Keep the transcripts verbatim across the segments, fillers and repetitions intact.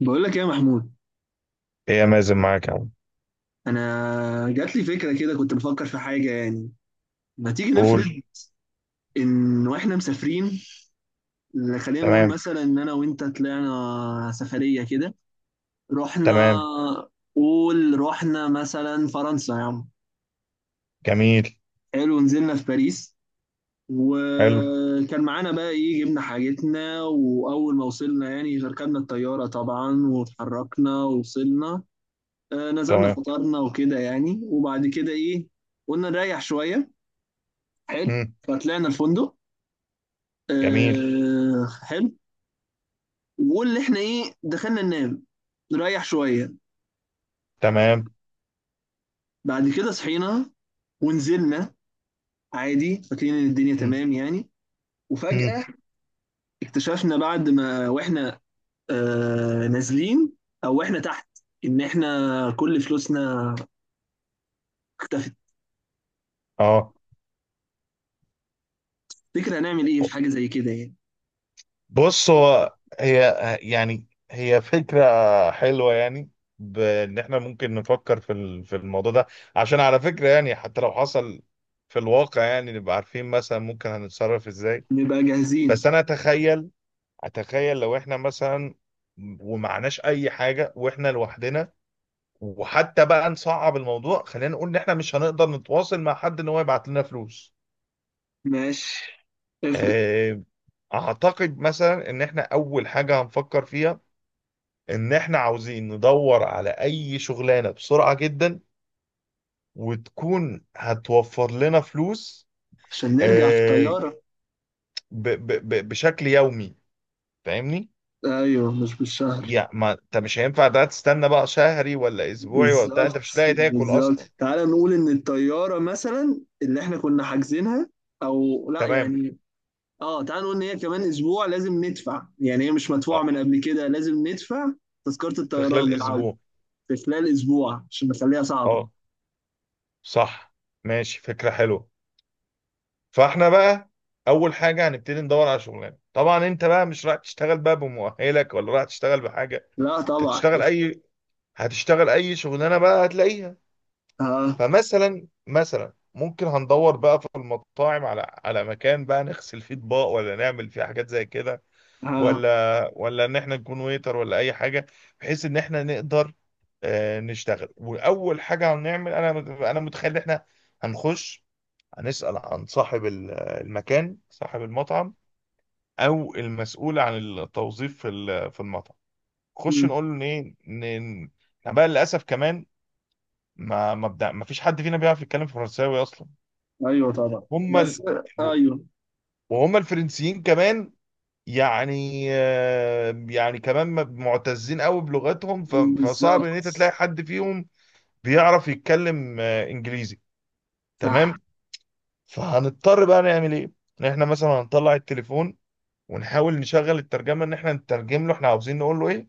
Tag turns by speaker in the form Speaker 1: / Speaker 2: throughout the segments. Speaker 1: بقول لك ايه يا محمود.
Speaker 2: ايه يا مازن، معاك يا عم.
Speaker 1: انا جات لي فكره كده، كنت بفكر في حاجه يعني. ما تيجي نفرض
Speaker 2: قول.
Speaker 1: ان واحنا مسافرين. خلينا نقول
Speaker 2: تمام.
Speaker 1: مثلا ان انا وانت طلعنا سفريه كده. رحنا،
Speaker 2: تمام.
Speaker 1: قول رحنا مثلا فرنسا يا عم.
Speaker 2: جميل.
Speaker 1: حلو، نزلنا في باريس.
Speaker 2: حلو.
Speaker 1: وكان معانا بقى ايه، جبنا حاجتنا، واول ما وصلنا يعني ركبنا الطياره طبعا واتحركنا ووصلنا. آه، نزلنا
Speaker 2: تمام.
Speaker 1: فطرنا وكده يعني، وبعد كده ايه، قلنا نريح شويه. حلو،
Speaker 2: مم.
Speaker 1: فطلعنا الفندق.
Speaker 2: جميل.
Speaker 1: آه حلو. واللي احنا ايه دخلنا ننام، نريح شويه.
Speaker 2: تمام.
Speaker 1: بعد كده صحينا ونزلنا عادي، فاكرين ان الدنيا
Speaker 2: مم.
Speaker 1: تمام يعني.
Speaker 2: مم.
Speaker 1: وفجاه اكتشفنا بعد ما واحنا آه نازلين، او واحنا تحت، ان احنا كل فلوسنا اختفت.
Speaker 2: اه.
Speaker 1: فكرة هنعمل ايه
Speaker 2: ب-
Speaker 1: في حاجة زي كده يعني.
Speaker 2: بص، هو هي يعني هي فكرة حلوة يعني، بان احنا ممكن نفكر في ال- في الموضوع ده. عشان على فكرة يعني حتى لو حصل في الواقع، يعني نبقى عارفين مثلا ممكن هنتصرف ازاي.
Speaker 1: نبقى
Speaker 2: بس
Speaker 1: جاهزين.
Speaker 2: انا اتخيل، اتخيل لو احنا مثلا ومعناش اي حاجة واحنا لوحدنا، وحتى بقى نصعب الموضوع خلينا نقول ان احنا مش هنقدر نتواصل مع حد ان هو يبعت لنا فلوس.
Speaker 1: ماشي، افرض.
Speaker 2: آه، اعتقد مثلا ان احنا اول حاجة هنفكر فيها ان احنا عاوزين ندور على اي شغلانة بسرعة جدا وتكون هتوفر لنا فلوس،
Speaker 1: عشان نرجع في
Speaker 2: آه،
Speaker 1: الطيارة.
Speaker 2: ب- ب- ب- بشكل يومي. فاهمني؟
Speaker 1: ايوه مش بالشهر.
Speaker 2: يعني ما انت مش هينفع ده تستنى بقى شهري ولا اسبوعي ولا بتاع،
Speaker 1: بالظبط،
Speaker 2: انت مش هتلاقي تاكل
Speaker 1: بالظبط.
Speaker 2: اصلا.
Speaker 1: تعال نقول ان الطياره مثلا اللي احنا كنا حاجزينها، او لا
Speaker 2: تمام.
Speaker 1: يعني، اه تعال نقول ان هي كمان اسبوع لازم ندفع، يعني هي مش مدفوعه
Speaker 2: اه.
Speaker 1: من قبل كده، لازم ندفع تذكره
Speaker 2: في
Speaker 1: الطيران
Speaker 2: خلال
Speaker 1: للعوده
Speaker 2: اسبوع.
Speaker 1: في خلال اسبوع عشان نخليها صعبه.
Speaker 2: اه. صح. ماشي، فكرة حلوة. فاحنا بقى اول حاجه هنبتدي ندور على شغلانه. طبعا انت بقى مش رايح تشتغل بقى بمؤهلك ولا رايح تشتغل بحاجه،
Speaker 1: لا
Speaker 2: انت
Speaker 1: طبعا.
Speaker 2: هتشتغل اي، هتشتغل اي شغلانه بقى هتلاقيها.
Speaker 1: ها.
Speaker 2: فمثلا مثلا ممكن هندور بقى في المطاعم على على مكان بقى نغسل فيه اطباق ولا نعمل فيه حاجات زي كده،
Speaker 1: ها.
Speaker 2: ولا ولا ان احنا نكون ويتر ولا اي حاجه، بحيث ان احنا نقدر آه، نشتغل. واول حاجه هنعمل، انا انا متخيل ان احنا هنخش هنسأل عن صاحب ال- المكان، صاحب المطعم او المسؤول عن التوظيف في ال- في المطعم. خش
Speaker 1: مم.
Speaker 2: نقول له ايه ن- احنا بقى للاسف كمان ما ما بدا، ما فيش حد فينا بيعرف يتكلم فرنساوي اصلا.
Speaker 1: ايوه طبعا.
Speaker 2: هم ال...
Speaker 1: بس ايوه.
Speaker 2: وهم الفرنسيين كمان، يعني آه، يعني كمان م- معتزين قوي بلغتهم، ف- فصعب ان انت
Speaker 1: بالظبط.
Speaker 2: تلاقي حد فيهم بيعرف يتكلم آه، انجليزي.
Speaker 1: صح.
Speaker 2: تمام. فهنضطر بقى نعمل ايه؟ إن احنا مثلا هنطلع التليفون ونحاول نشغل الترجمه، ان احنا نترجم له احنا عاوزين نقول له ايه،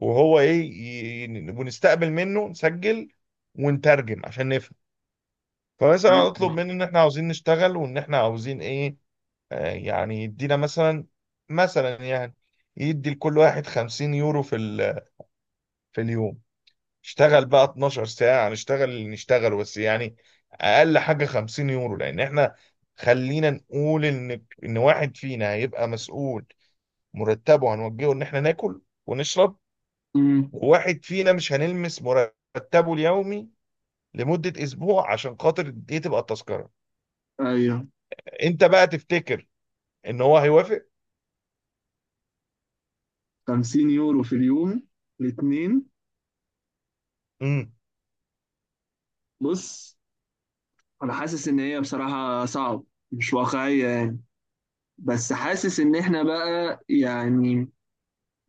Speaker 2: وهو ايه ي- ي- ونستقبل منه، نسجل ونترجم عشان نفهم. فمثلا اطلب
Speaker 1: ايوه.
Speaker 2: منه ان احنا عاوزين نشتغل وان احنا عاوزين ايه، آه يعني يدينا مثلا، مثلا يعني يدي لكل واحد خمسين يورو في ال- في اليوم. اشتغل بقى اتناشر ساعة، نشتغل اللي نشتغل بس يعني اقل حاجة خمسين يورو. لان احنا خلينا نقول ان ان واحد فينا هيبقى مسؤول مرتبه، هنوجهه ان احنا ناكل ونشرب،
Speaker 1: مم.
Speaker 2: وواحد فينا مش هنلمس مرتبه اليومي لمدة اسبوع عشان خاطر دي تبقى التذكرة.
Speaker 1: ايوه.
Speaker 2: انت بقى تفتكر ان هو هيوافق؟
Speaker 1: خمسين يورو في اليوم، الاثنين.
Speaker 2: امم
Speaker 1: بص، انا حاسس ان هي بصراحة صعب، مش واقعية يعني. بس حاسس ان احنا بقى يعني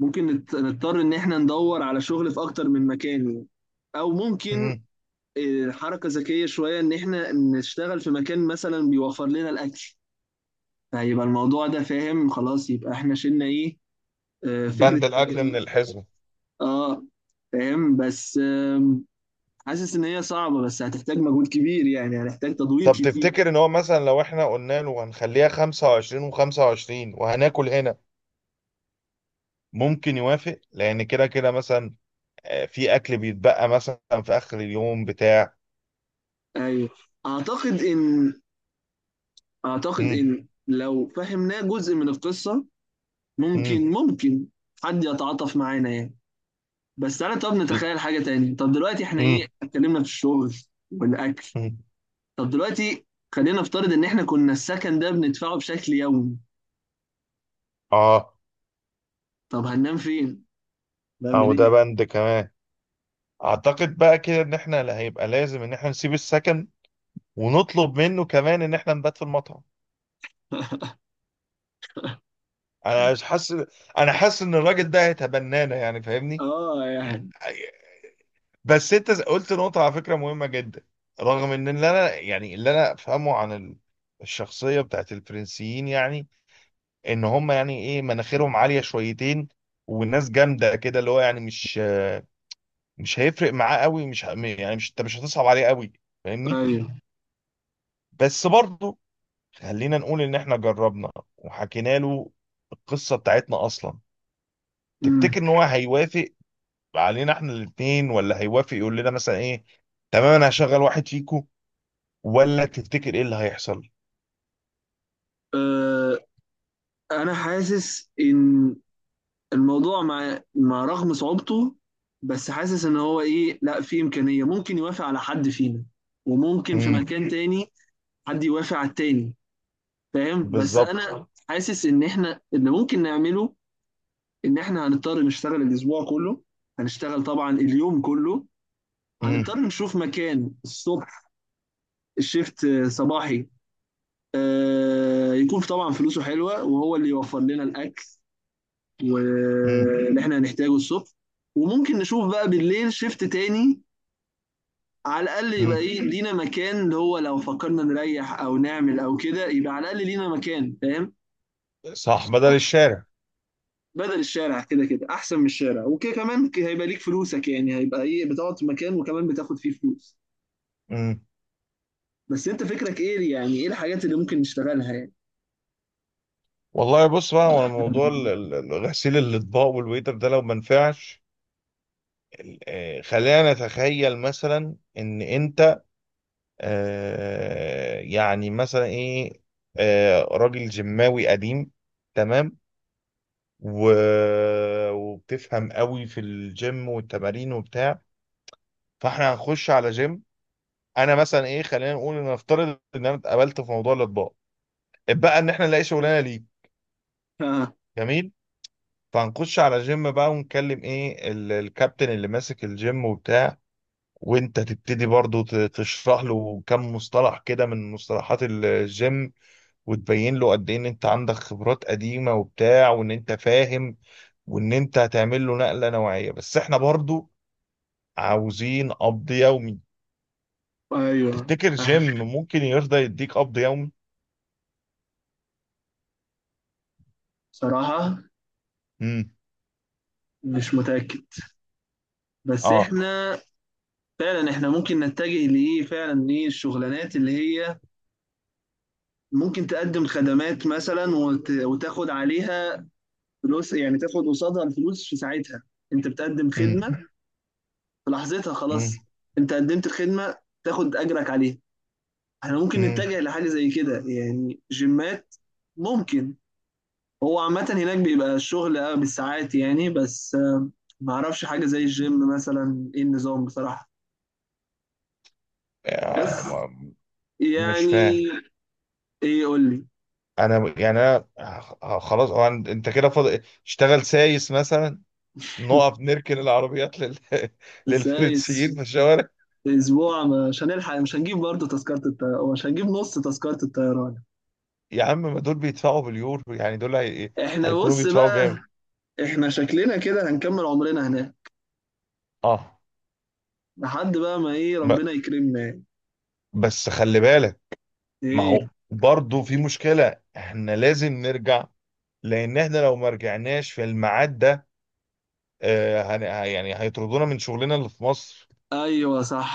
Speaker 1: ممكن نت- نضطر ان احنا ندور على شغل في اكتر من مكان يعني. او ممكن
Speaker 2: امم
Speaker 1: آه، حركة ذكية شوية ان احنا نشتغل في مكان مثلا بيوفر لنا الاكل، فيبقى الموضوع ده فاهم خلاص، يبقى احنا شلنا ايه، آه، فكرة
Speaker 2: بند الاكل من الحزمة.
Speaker 1: اه فاهم بس آم، حاسس ان هي صعبة بس هتحتاج مجهود كبير يعني، هنحتاج تدوير
Speaker 2: طب
Speaker 1: كتير.
Speaker 2: تفتكر ان هو مثلا لو احنا قلنا له هنخليها خمسة وعشرين وخمسة وعشرين وهناكل هنا ممكن يوافق؟ لان كده كده مثلا، آه، في اكل بيتبقى مثلا في اخر اليوم بتاع.
Speaker 1: ايوه اعتقد ان، أعتقد
Speaker 2: امم
Speaker 1: إن لو فهمناه جزء من القصة،
Speaker 2: امم
Speaker 1: ممكن ممكن حد يتعاطف معانا يعني. بس أنا، طب نتخيل حاجة تاني. طب دلوقتي إحنا إيه
Speaker 2: امم
Speaker 1: اتكلمنا في الشغل والأكل.
Speaker 2: امم
Speaker 1: طب دلوقتي خلينا نفترض إن إحنا كنا السكن ده بندفعه بشكل يومي،
Speaker 2: اه،
Speaker 1: طب هننام فين؟
Speaker 2: او
Speaker 1: نعمل
Speaker 2: ده
Speaker 1: إيه؟
Speaker 2: بند كمان. اعتقد بقى كده ان احنا لا، هيبقى لازم ان احنا نسيب السكن ونطلب منه كمان ان احنا نبات في المطعم. انا مش حاسس، انا حاسس ان الراجل ده هيتبنانا يعني، فاهمني؟
Speaker 1: آه يعني.
Speaker 2: بس انت قلت نقطة على فكرة مهمة جدا. رغم ان اللي انا يعني اللي انا افهمه عن ال- الشخصية بتاعت الفرنسيين، يعني ان هم يعني ايه، مناخيرهم عالية شويتين والناس جامدة كده، اللي هو يعني مش، مش هيفرق معاه قوي، مش ه- يعني مش انت مش هتصعب عليه قوي، فاهمني؟
Speaker 1: أيوه.
Speaker 2: بس برضه خلينا نقول ان احنا جربنا وحكينا له القصه بتاعتنا اصلا.
Speaker 1: أمم.
Speaker 2: تفتكر ان هو هيوافق علينا احنا الاثنين، ولا هيوافق يقول لنا مثلا ايه تمام انا هشغل واحد فيكو، ولا تفتكر ايه اللي هيحصل؟
Speaker 1: آه أنا حاسس إن الموضوع مع مع رغم صعوبته، بس حاسس ان هو ايه لا في امكانيه ممكن يوافق على حد فينا، وممكن في
Speaker 2: امم
Speaker 1: مكان تاني حد يوافق على التاني. فاهم، بس
Speaker 2: بالظبط.
Speaker 1: انا حاسس ان احنا اللي ممكن نعمله ان احنا هنضطر نشتغل الاسبوع كله، هنشتغل طبعا اليوم كله.
Speaker 2: امم
Speaker 1: هنضطر نشوف مكان الصبح، الشيفت صباحي، آه يكون طبعا فلوسه حلوه وهو اللي يوفر لنا الاكل
Speaker 2: امم
Speaker 1: واللي احنا هنحتاجه الصبح. وممكن نشوف بقى بالليل شيفت تاني، على الاقل يبقى
Speaker 2: امم
Speaker 1: ايه لينا مكان، اللي هو لو فكرنا نريح او نعمل او كده يبقى على الاقل لينا مكان فاهم.
Speaker 2: صح، بدل الشارع.
Speaker 1: بدل الشارع، كده كده احسن من الشارع، وكده كمان ك- هيبقى ليك فلوسك يعني، هيبقى ايه بتقعد في مكان وكمان بتاخد فيه فلوس.
Speaker 2: امم
Speaker 1: بس انت فكرك ايه، يعني ايه الحاجات اللي ممكن نشتغلها يعني.
Speaker 2: والله بص بقى، هو موضوع ال- ال- ال- غسيل الاطباق والويتر ده لو ما نفعش، ال- آه، خلينا نتخيل مثلا ان انت آه، يعني مثلا ايه، آه، راجل جماوي قديم، تمام، و... وبتفهم قوي في الجيم والتمارين وبتاع، فاحنا هنخش على جيم. انا مثلا ايه، خلينا نقول ان نفترض ان انا اتقابلت في موضوع الاطباء، اتبقى ان احنا نلاقي شغلانه ليه.
Speaker 1: آه.
Speaker 2: جميل. فهنخش على جيم بقى ونكلم ايه ال- الكابتن اللي ماسك الجيم وبتاع، وانت تبتدي برضو ت- تشرح له كم مصطلح كده من مصطلحات الجيم، وتبين له قد ايه ان انت عندك خبرات قديمة وبتاع وان انت فاهم، وان انت هتعمل له نقلة نوعية. بس احنا برضو عاوزين قبض يومي.
Speaker 1: ايوه.
Speaker 2: تفتكر
Speaker 1: آه.
Speaker 2: جيم ممكن يرضى يديك قبض يومي؟
Speaker 1: صراحة
Speaker 2: امم
Speaker 1: مش متأكد. بس
Speaker 2: اه.
Speaker 1: احنا فعلا، احنا ممكن نتجه لايه، فعلا ايه الشغلانات اللي هي ممكن تقدم خدمات مثلا، وت... وتاخد عليها فلوس يعني، تاخد قصادها الفلوس في ساعتها. انت بتقدم
Speaker 2: امم
Speaker 1: خدمة في لحظتها خلاص،
Speaker 2: امم
Speaker 1: انت قدمت الخدمة تاخد اجرك عليها. احنا ممكن
Speaker 2: امم
Speaker 1: نتجه لحاجة زي كده يعني، جيمات ممكن. هو عامة هناك بيبقى الشغل اه بالساعات يعني، بس آه، ما اعرفش حاجة زي الجيم مثلا ايه النظام بصراحة.
Speaker 2: آه،
Speaker 1: بس
Speaker 2: ما- مش
Speaker 1: يعني
Speaker 2: فاهم.
Speaker 1: ايه قول لي.
Speaker 2: انا يعني انا آه، خلاص، هو أنت أنت كده فاضل اشتغل سايس مثلا، نقف نركن العربيات لل...
Speaker 1: بس آه،
Speaker 2: للفرنسيين في الشوارع.
Speaker 1: اسبوع مش هنلحق، مش هنجيب برضه تذكرة الطيران، مش هنجيب نص تذكرة الطيران.
Speaker 2: يا عم ما دول بيدفعوا باليورو، يعني دول هي...
Speaker 1: احنا
Speaker 2: هيكونوا
Speaker 1: بص
Speaker 2: بيدفعوا
Speaker 1: بقى،
Speaker 2: جامد.
Speaker 1: احنا شكلنا كده هنكمل عمرنا هناك
Speaker 2: اه.
Speaker 1: لحد بقى ما ايه
Speaker 2: ب-
Speaker 1: ربنا يكرمنا يعني.
Speaker 2: بس خلي بالك، ما
Speaker 1: ايه.
Speaker 2: هو برضه في مشكلة، احنا لازم نرجع. لان احنا لو ما رجعناش في الميعاد ده، آه هن... ه- يعني هيطردونا من شغلنا اللي في مصر.
Speaker 1: ايوه صح.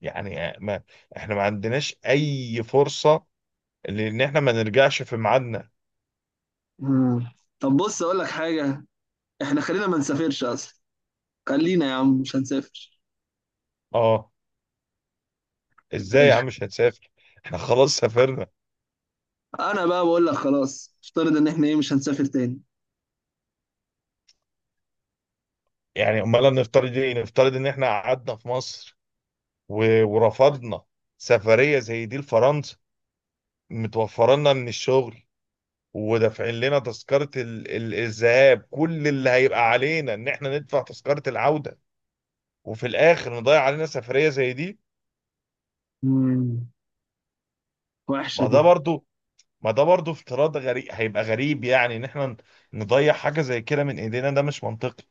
Speaker 2: يعني آه، ما احنا ما عندناش اي فرصة لان احنا ما نرجعش في ميعادنا.
Speaker 1: مم. طب بص اقول لك حاجة، احنا خلينا ما نسافرش اصلا. خلينا يا عم مش هنسافر.
Speaker 2: اه. ازاي يا
Speaker 1: ماشي.
Speaker 2: عم مش هتسافر؟ احنا خلاص سافرنا.
Speaker 1: انا بقى بقول لك خلاص افترض ان احنا ايه مش هنسافر تاني.
Speaker 2: يعني امال نفترض ايه، نفترض ان احنا قعدنا في مصر و... ورفضنا سفرية زي دي لفرنسا، متوفرة لنا من الشغل ودافعين لنا تذكرة ال- ال- الذهاب، كل اللي هيبقى علينا ان احنا ندفع تذكرة العودة، وفي الاخر نضيع علينا سفرية زي دي.
Speaker 1: مم. وحشة
Speaker 2: ما
Speaker 1: دي.
Speaker 2: ده برضو ما ده برضو افتراض غريب، هيبقى غريب يعني ان احنا نضيع حاجة زي كده من ايدينا، ده مش منطقي.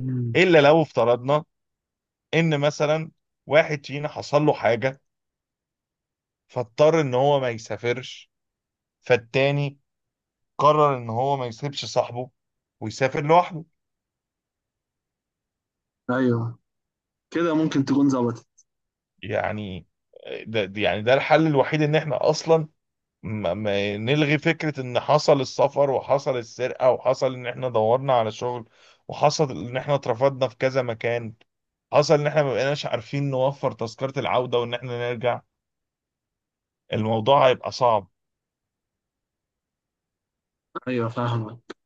Speaker 1: مم.
Speaker 2: الا لو افترضنا ان مثلا واحد فينا حصل له حاجة فاضطر ان هو ما يسافرش، فالتاني قرر ان هو ما يسيبش صاحبه ويسافر لوحده.
Speaker 1: ايوه كده ممكن تكون ظبطت.
Speaker 2: يعني آه، ده ده- يعني ده الحل الوحيد. ان احنا اصلا ما ما نلغي فكرة ان حصل السفر، وحصل السرقة، وحصل ان احنا دورنا على شغل وحصل ان احنا اترفضنا في كذا مكان، حصل ان احنا ما بقيناش عارفين نوفر تذكرة العودة وان احنا نرجع، الموضوع هيبقى صعب.
Speaker 1: ايوه فاهمك،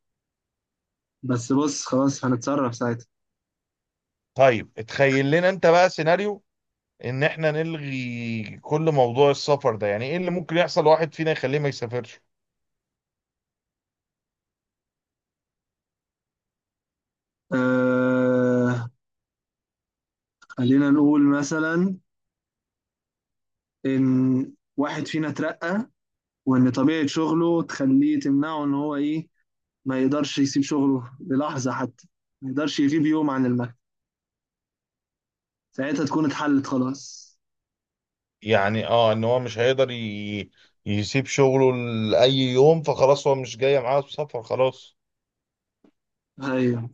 Speaker 1: بس بص خلاص هنتصرف ساعتها.
Speaker 2: طيب اتخيل لنا انت بقى سيناريو ان احنا نلغي كل موضوع السفر ده. يعني ايه اللي ممكن يحصل واحد فينا يخليه ما يسافرش؟
Speaker 1: آه خلينا نقول مثلا إن واحد فينا اترقى، وإن طبيعة شغله تخليه تمنعه إن هو إيه ما يقدرش يسيب شغله للحظة حتى، ما يقدرش يغيب يوم عن المكتب. ساعتها تكون اتحلت خلاص.
Speaker 2: يعني اه، ان هو مش هيقدر ي... يسيب شغله لأي يوم، فخلاص هو مش جاي معاه السفر خلاص.
Speaker 1: أيوه